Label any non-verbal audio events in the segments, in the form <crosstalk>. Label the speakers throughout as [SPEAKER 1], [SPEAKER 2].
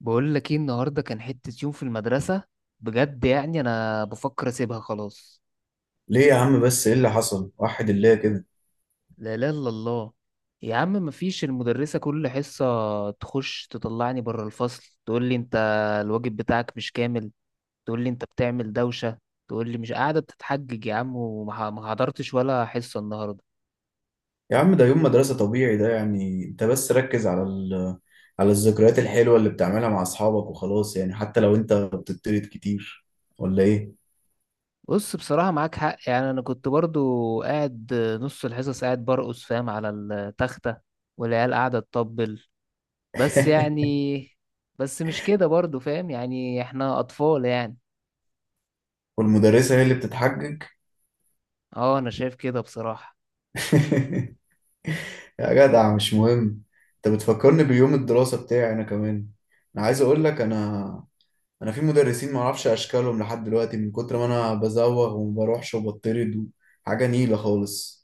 [SPEAKER 1] بقول لك ايه النهارده؟ كان حتة يوم في المدرسة، بجد. يعني انا بفكر اسيبها خلاص.
[SPEAKER 2] ليه يا عم؟ بس ايه اللي حصل وحد الله كده؟
[SPEAKER 1] لا لا الا الله! يا عم مفيش، المدرسة كل حصة تخش تطلعني بره الفصل، تقول لي انت الواجب بتاعك مش كامل، تقول لي انت بتعمل دوشة، تقول لي مش قاعدة، بتتحجج يا عم. ما حضرتش ولا حصة النهارده.
[SPEAKER 2] يا عم ده يوم مدرسة طبيعي، ده يعني انت بس ركز على على الذكريات الحلوة اللي بتعملها مع اصحابك وخلاص، يعني حتى لو انت بتطرد كتير، ولا ايه؟
[SPEAKER 1] بص بصراحة معاك حق. يعني انا كنت برضو قاعد نص الحصص قاعد برقص، فاهم، على التختة والعيال قاعدة تطبل، بس
[SPEAKER 2] <laughs>
[SPEAKER 1] يعني. بس مش كده برضو فاهم، يعني احنا اطفال يعني.
[SPEAKER 2] والمدرسة هي اللي بتتحجج.
[SPEAKER 1] اه انا شايف كده بصراحة.
[SPEAKER 2] <laughs> يا جدع مش مهم. انت بتفكرني بيوم الدراسة بتاعي انا كمان. انا عايز اقول لك، انا في مدرسين ما اعرفش اشكالهم لحد دلوقتي من كتر ما انا بزوغ وما بروحش وبطرد. حاجة نيلة خالص.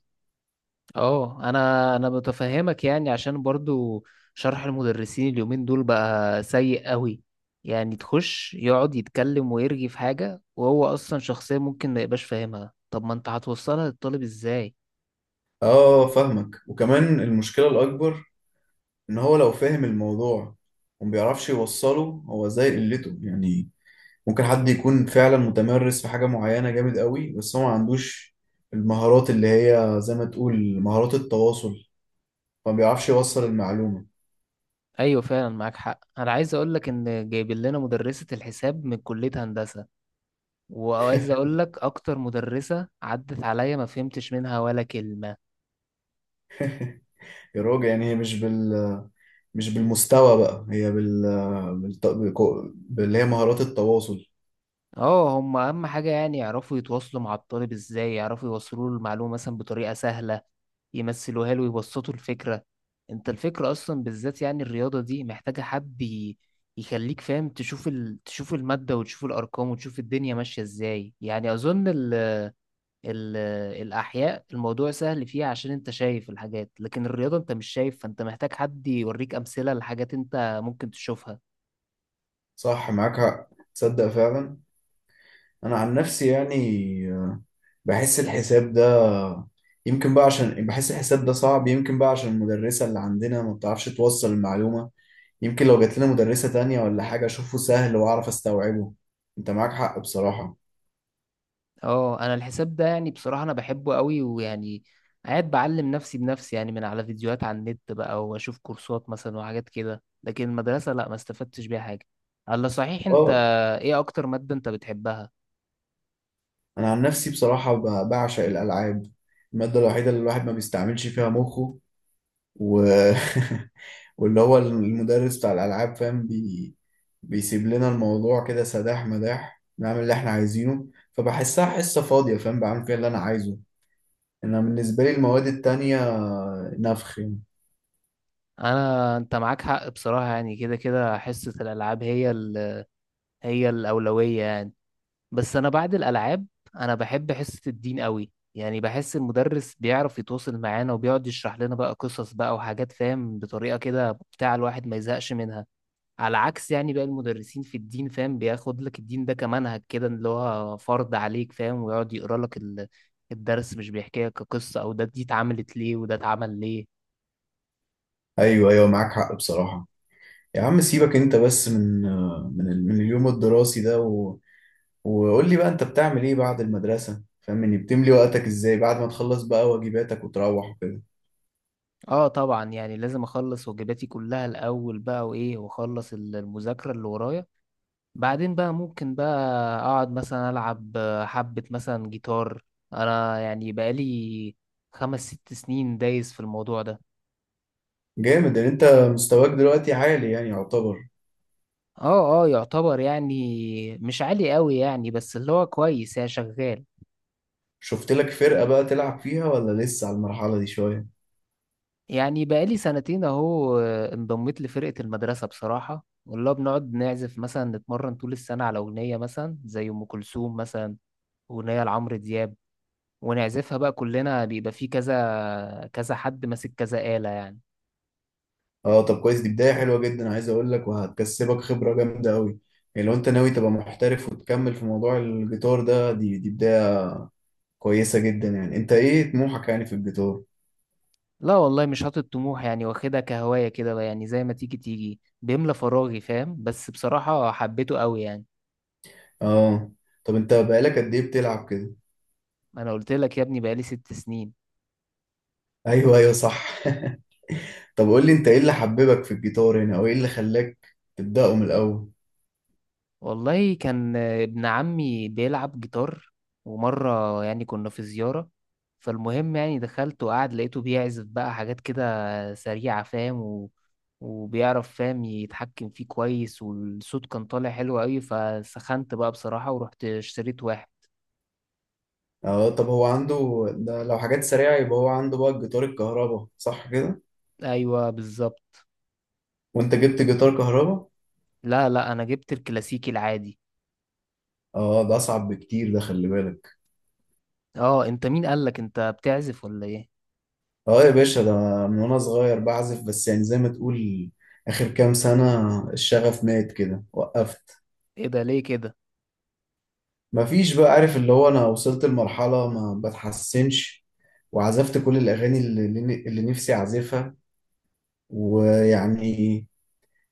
[SPEAKER 1] اه انا متفهمك، يعني عشان برضو شرح المدرسين اليومين دول بقى سيء قوي. يعني تخش يقعد يتكلم ويرغي في حاجة، وهو اصلا شخصية ممكن ما يبقاش فاهمها، طب ما انت هتوصلها للطالب ازاي؟
[SPEAKER 2] اه فاهمك، وكمان المشكلة الأكبر إن هو لو فاهم الموضوع وما بيعرفش يوصله، هو زي قلته يعني. ممكن حد يكون فعلا متمرس في حاجة معينة جامد قوي، بس هو ما عندوش المهارات اللي هي زي ما تقول مهارات التواصل، فما بيعرفش يوصل المعلومة.
[SPEAKER 1] ايوه فعلا معاك حق. انا عايز اقولك ان جايبين لنا مدرسة الحساب من كلية هندسة، وعايز اقول لك اكتر مدرسة عدت عليا ما فهمتش منها ولا كلمة.
[SPEAKER 2] يا راجل يعني هي مش بالمستوى بقى، هي باللي هي مهارات التواصل.
[SPEAKER 1] اه هم اهم حاجة يعني يعرفوا يتواصلوا مع الطالب ازاي، يعرفوا يوصلوا له المعلومة مثلا بطريقة سهلة، يمثلوها له ويبسطوا الفكرة. انت الفكرة اصلا بالذات يعني الرياضة دي محتاجة حد يخليك فاهم تشوف تشوف المادة وتشوف الارقام وتشوف الدنيا ماشية ازاي. يعني اظن ال- الأحياء الموضوع سهل فيها عشان أنت شايف الحاجات، لكن الرياضة أنت مش شايف، فأنت محتاج حد يوريك أمثلة لحاجات أنت ممكن تشوفها.
[SPEAKER 2] صح معاك حق. تصدق فعلا، أنا عن نفسي يعني بحس الحساب ده، يمكن بقى عشان بحس الحساب ده صعب يمكن بقى عشان المدرسة اللي عندنا ما بتعرفش توصل المعلومة. يمكن لو جات لنا مدرسة تانية ولا حاجة أشوفه سهل وأعرف أستوعبه. أنت معاك حق بصراحة.
[SPEAKER 1] اه أنا الحساب ده يعني بصراحة أنا بحبه قوي، ويعني قاعد بعلم نفسي بنفسي يعني، من على فيديوهات على النت بقى، وأشوف كورسات مثلا وحاجات كده، لكن المدرسة لأ ما استفدتش بيها حاجة. الله صحيح أنت،
[SPEAKER 2] أه.
[SPEAKER 1] إيه أكتر مادة أنت بتحبها؟
[SPEAKER 2] أنا عن نفسي بصراحة بعشق الألعاب. المادة الوحيدة اللي الواحد ما بيستعملش فيها مخه و... <laughs> واللي هو المدرس بتاع الألعاب فاهم بيسيب لنا الموضوع كده سداح مداح، نعمل اللي احنا عايزينه. فبحسها حصة فاضية فاهم، بعمل فيها اللي أنا عايزه. انا بالنسبه لي المواد التانية نفخ يعني.
[SPEAKER 1] أنا أنت معاك حق بصراحة، يعني كده كده حصة الألعاب هي هي الأولوية يعني. بس انا بعد الالعاب انا بحب حصه الدين قوي. يعني بحس المدرس بيعرف يتواصل معانا وبيقعد يشرح لنا بقى قصص بقى وحاجات، فاهم، بطريقه كده بتاع الواحد ما يزهقش منها. على عكس يعني بقى المدرسين في الدين، فاهم، بياخد لك الدين ده كمنهج كده اللي هو فرض عليك، فاهم، ويقعد يقرا لك الدرس مش بيحكي لك قصه، او ده دي اتعملت ليه وده اتعمل ليه.
[SPEAKER 2] ايوه ايوه معاك حق بصراحه. يا عم سيبك انت بس من اليوم الدراسي ده. وقول لي بقى انت بتعمل ايه بعد المدرسه؟ فاهمني بتملي وقتك ازاي بعد ما تخلص بقى واجباتك وتروح وكده.
[SPEAKER 1] اه طبعا. يعني لازم اخلص واجباتي كلها الاول بقى، وايه، واخلص المذاكره اللي ورايا، بعدين بقى ممكن بقى اقعد مثلا العب حبة مثلا جيتار. انا يعني بقالي 5 6 سنين دايس في الموضوع ده.
[SPEAKER 2] جامد ان انت مستواك دلوقتي عالي يعني، يعتبر.
[SPEAKER 1] اه اه يعتبر، يعني مش عالي قوي يعني بس اللي هو كويس يعني شغال.
[SPEAKER 2] شفت لك فرقه بقى تلعب فيها، ولا لسه على المرحله دي شويه؟
[SPEAKER 1] يعني بقالي سنتين اهو، انضميت لفرقة المدرسة بصراحة، والله بنقعد نعزف مثلا، نتمرن طول السنة على أغنية مثلا زي أم كلثوم مثلا، أغنية لعمرو دياب، ونعزفها بقى كلنا، بيبقى فيه كذا كذا حد ماسك كذا آلة يعني.
[SPEAKER 2] اه طب كويس، دي بدايه حلوه جدا. عايز اقول لك وهتكسبك خبره جامده قوي، يعني لو انت ناوي تبقى محترف وتكمل في موضوع الجيتار ده دي بدايه كويسة جدا. يعني انت ايه طموحك يعني في الجيتار؟
[SPEAKER 1] لا والله مش حاطط طموح، يعني واخدها كهواية كده بقى، يعني زي ما تيجي تيجي، بيملى فراغي فاهم، بس بصراحة حبيته قوي يعني.
[SPEAKER 2] اه طب انت بقالك قد ايه بتلعب كده؟
[SPEAKER 1] انا قلت لك يا ابني بقالي 6 سنين.
[SPEAKER 2] ايوه ايوه صح. <laughs> طب قول لي انت ايه اللي حببك في الجيتار هنا، او ايه اللي خلاك تبدأه من الاول؟
[SPEAKER 1] والله كان ابن عمي بيلعب جيتار، ومرة يعني كنا في زيارة، فالمهم يعني دخلت وقعد لقيته بيعزف بقى حاجات كده سريعة، فاهم، وبيعرف فاهم يتحكم فيه كويس، والصوت كان طالع حلو قوي، فسخنت بقى بصراحة ورحت اشتريت واحد.
[SPEAKER 2] اه طب هو عنده ده لو حاجات سريعة، يبقى هو عنده بقى الجيتار الكهرباء صح كده؟
[SPEAKER 1] ايوه بالظبط.
[SPEAKER 2] وانت جبت جيتار كهرباء؟
[SPEAKER 1] لا لا انا جبت الكلاسيكي العادي.
[SPEAKER 2] اه ده اصعب بكتير ده، خلي بالك.
[SPEAKER 1] اه انت مين قالك انت بتعزف ولا ايه؟
[SPEAKER 2] اه يا باشا، ده من وانا صغير بعزف، بس يعني زي ما تقول اخر كام سنة الشغف مات كده، وقفت.
[SPEAKER 1] ايه ده ليه كده؟
[SPEAKER 2] مفيش بقى، عارف اللي هو انا وصلت لمرحلة ما بتحسنش، وعزفت كل الاغاني اللي نفسي اعزفها، ويعني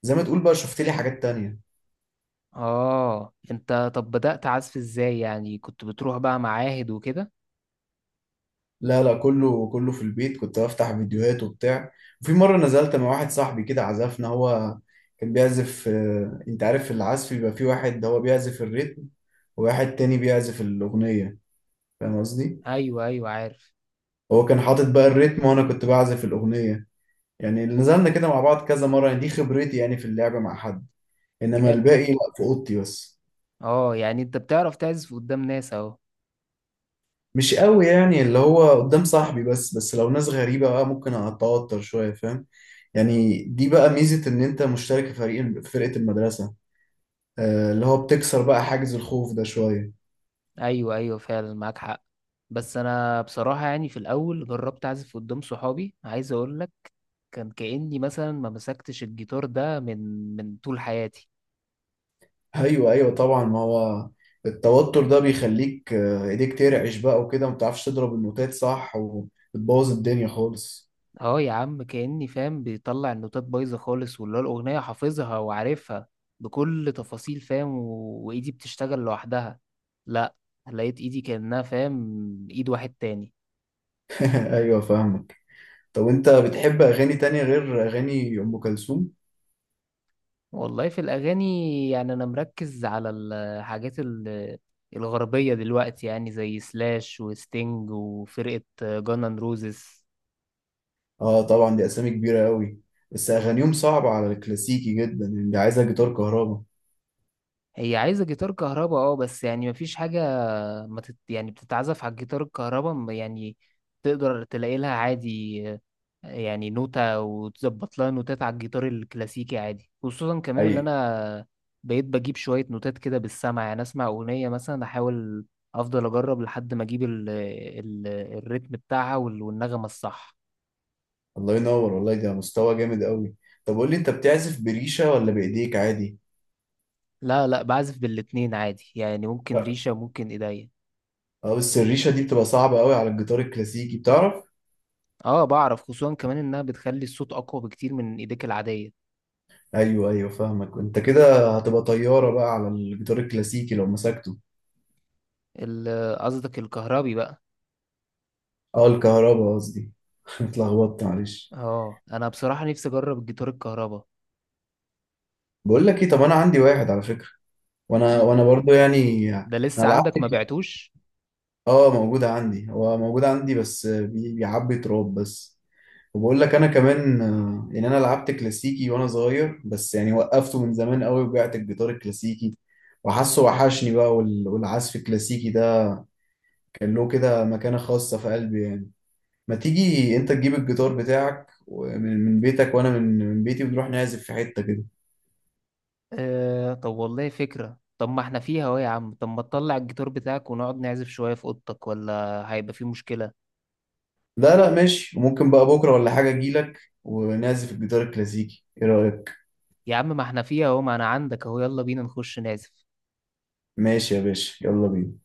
[SPEAKER 2] زي ما تقول بقى شفت لي حاجات تانية.
[SPEAKER 1] اه انت طب بدأت عزف ازاي؟ يعني كنت بتروح بقى معاهد وكده؟
[SPEAKER 2] لا لا، كله في البيت، كنت بفتح فيديوهات وبتاع. وفي مرة نزلت مع واحد صاحبي كده عزفنا، هو كان بيعزف انت عارف العزف بيبقى في واحد هو بيعزف الريتم، وواحد تاني بيعزف الأغنية، فاهم قصدي؟
[SPEAKER 1] ايوه ايوه عارف.
[SPEAKER 2] هو كان حاطط بقى الريتم وانا كنت بعزف الأغنية. يعني اللي نزلنا كده مع بعض كذا مرة، يعني دي خبرتي يعني في اللعبة مع حد، إنما
[SPEAKER 1] جامد.
[SPEAKER 2] الباقي لا، في أوضتي بس.
[SPEAKER 1] اه يعني انت بتعرف تعزف قدام ناس اهو.
[SPEAKER 2] مش قوي، يعني اللي هو قدام صاحبي بس، بس لو ناس غريبة بقى ممكن أتوتر شوية فاهم. يعني دي بقى ميزة إن أنت مشترك في فريق فرقة المدرسة، اللي هو بتكسر بقى حاجز الخوف ده شوية.
[SPEAKER 1] ايوه ايوه فعلا معاك حق. بس انا بصراحة يعني في الاول جربت اعزف قدام صحابي، عايز اقولك كان كأني مثلا ما مسكتش الجيتار ده من طول حياتي.
[SPEAKER 2] أيوه أيوه طبعا. ما هو التوتر ده بيخليك إيديك ترعش بقى وكده ومتعرفش تضرب النوتات صح وبتبوظ الدنيا خالص.
[SPEAKER 1] اه يا عم كأني فاهم بيطلع النوتات بايظة خالص، واللي هو الأغنية حافظها وعارفها بكل تفاصيل، فاهم، وإيدي بتشتغل لوحدها. لا، لقيت إيدي كأنها فاهم إيد واحد تاني.
[SPEAKER 2] <laughs> أيوه فاهمك. طب انت بتحب اغاني تانية غير اغاني ام كلثوم؟
[SPEAKER 1] والله في الأغاني يعني أنا مركز على الحاجات الغربية دلوقتي. يعني زي سلاش وستينج وفرقة جانان روزز.
[SPEAKER 2] اه طبعا دي اسامي كبيرة قوي، بس اغانيهم صعبة على الكلاسيكي جدا، يعني دي عايزة جيتار كهربا.
[SPEAKER 1] هي عايزة جيتار كهرباء اه، بس يعني مفيش حاجة، ما تت... يعني بتتعزف على الجيتار الكهرباء يعني تقدر تلاقي لها عادي، يعني نوتة وتظبط لها نوتات على الجيتار الكلاسيكي عادي. خصوصا كمان
[SPEAKER 2] اي،
[SPEAKER 1] اللي انا بقيت بجيب شوية نوتات كده بالسمع، يعني اسمع اغنية مثلا، احاول افضل اجرب لحد ما اجيب الريتم بتاعها والنغمة الصح.
[SPEAKER 2] الله ينور والله، ده مستوى جامد قوي. طب قول لي انت بتعزف بريشة ولا بايديك عادي؟
[SPEAKER 1] لا لا بعزف بالاتنين عادي، يعني ممكن
[SPEAKER 2] لا.
[SPEAKER 1] ريشة ممكن ايديا.
[SPEAKER 2] اه بس الريشة دي بتبقى صعبة قوي على الجيتار الكلاسيكي، بتعرف؟
[SPEAKER 1] اه بعرف، خصوصا كمان انها بتخلي الصوت اقوى بكتير من ايديك العادية.
[SPEAKER 2] ايوه ايوه فاهمك، انت كده هتبقى طيارة بقى على الجيتار الكلاسيكي لو مسكته.
[SPEAKER 1] قصدك الكهربي بقى؟
[SPEAKER 2] اه الكهربا قصدي. <laughs> اتلخبطت معلش.
[SPEAKER 1] اه انا بصراحة نفسي اجرب الجيتار الكهربا.
[SPEAKER 2] بقول لك ايه، طب انا عندي واحد على فكرة. وانا
[SPEAKER 1] ل-
[SPEAKER 2] وانا برضو يعني،
[SPEAKER 1] ده
[SPEAKER 2] انا
[SPEAKER 1] لسه
[SPEAKER 2] لعبت
[SPEAKER 1] عندك ما
[SPEAKER 2] كي-
[SPEAKER 1] بعتوش؟
[SPEAKER 2] اه موجودة عندي، هو موجود عندي بس بيعبي تراب بس. وبقول لك انا كمان، يعني انا لعبت كلاسيكي وانا صغير بس يعني وقفته من زمان قوي وبعت الجيتار الكلاسيكي. وحاسه وحشني بقى، والعزف الكلاسيكي ده كان له كده مكانة خاصة في قلبي يعني. ما تيجي انت تجيب الجيتار بتاعك من من بيتك، وانا من من بيتي، ونروح نعزف في حتة كده.
[SPEAKER 1] آه طب والله فكرة. طب ما احنا فيها اهو يا عم، طب ما تطلع الجيتار بتاعك ونقعد نعزف شوية في اوضتك، ولا هيبقى في مشكلة؟
[SPEAKER 2] لا لا ماشي، وممكن بقى بكرة ولا حاجة اجيلك ونعزف الجيتار الكلاسيكي، ايه رأيك؟
[SPEAKER 1] يا عم ما احنا فيها اهو، ما انا عندك اهو، يلا بينا نخش نعزف.
[SPEAKER 2] ماشي يا باشا، يلا بينا.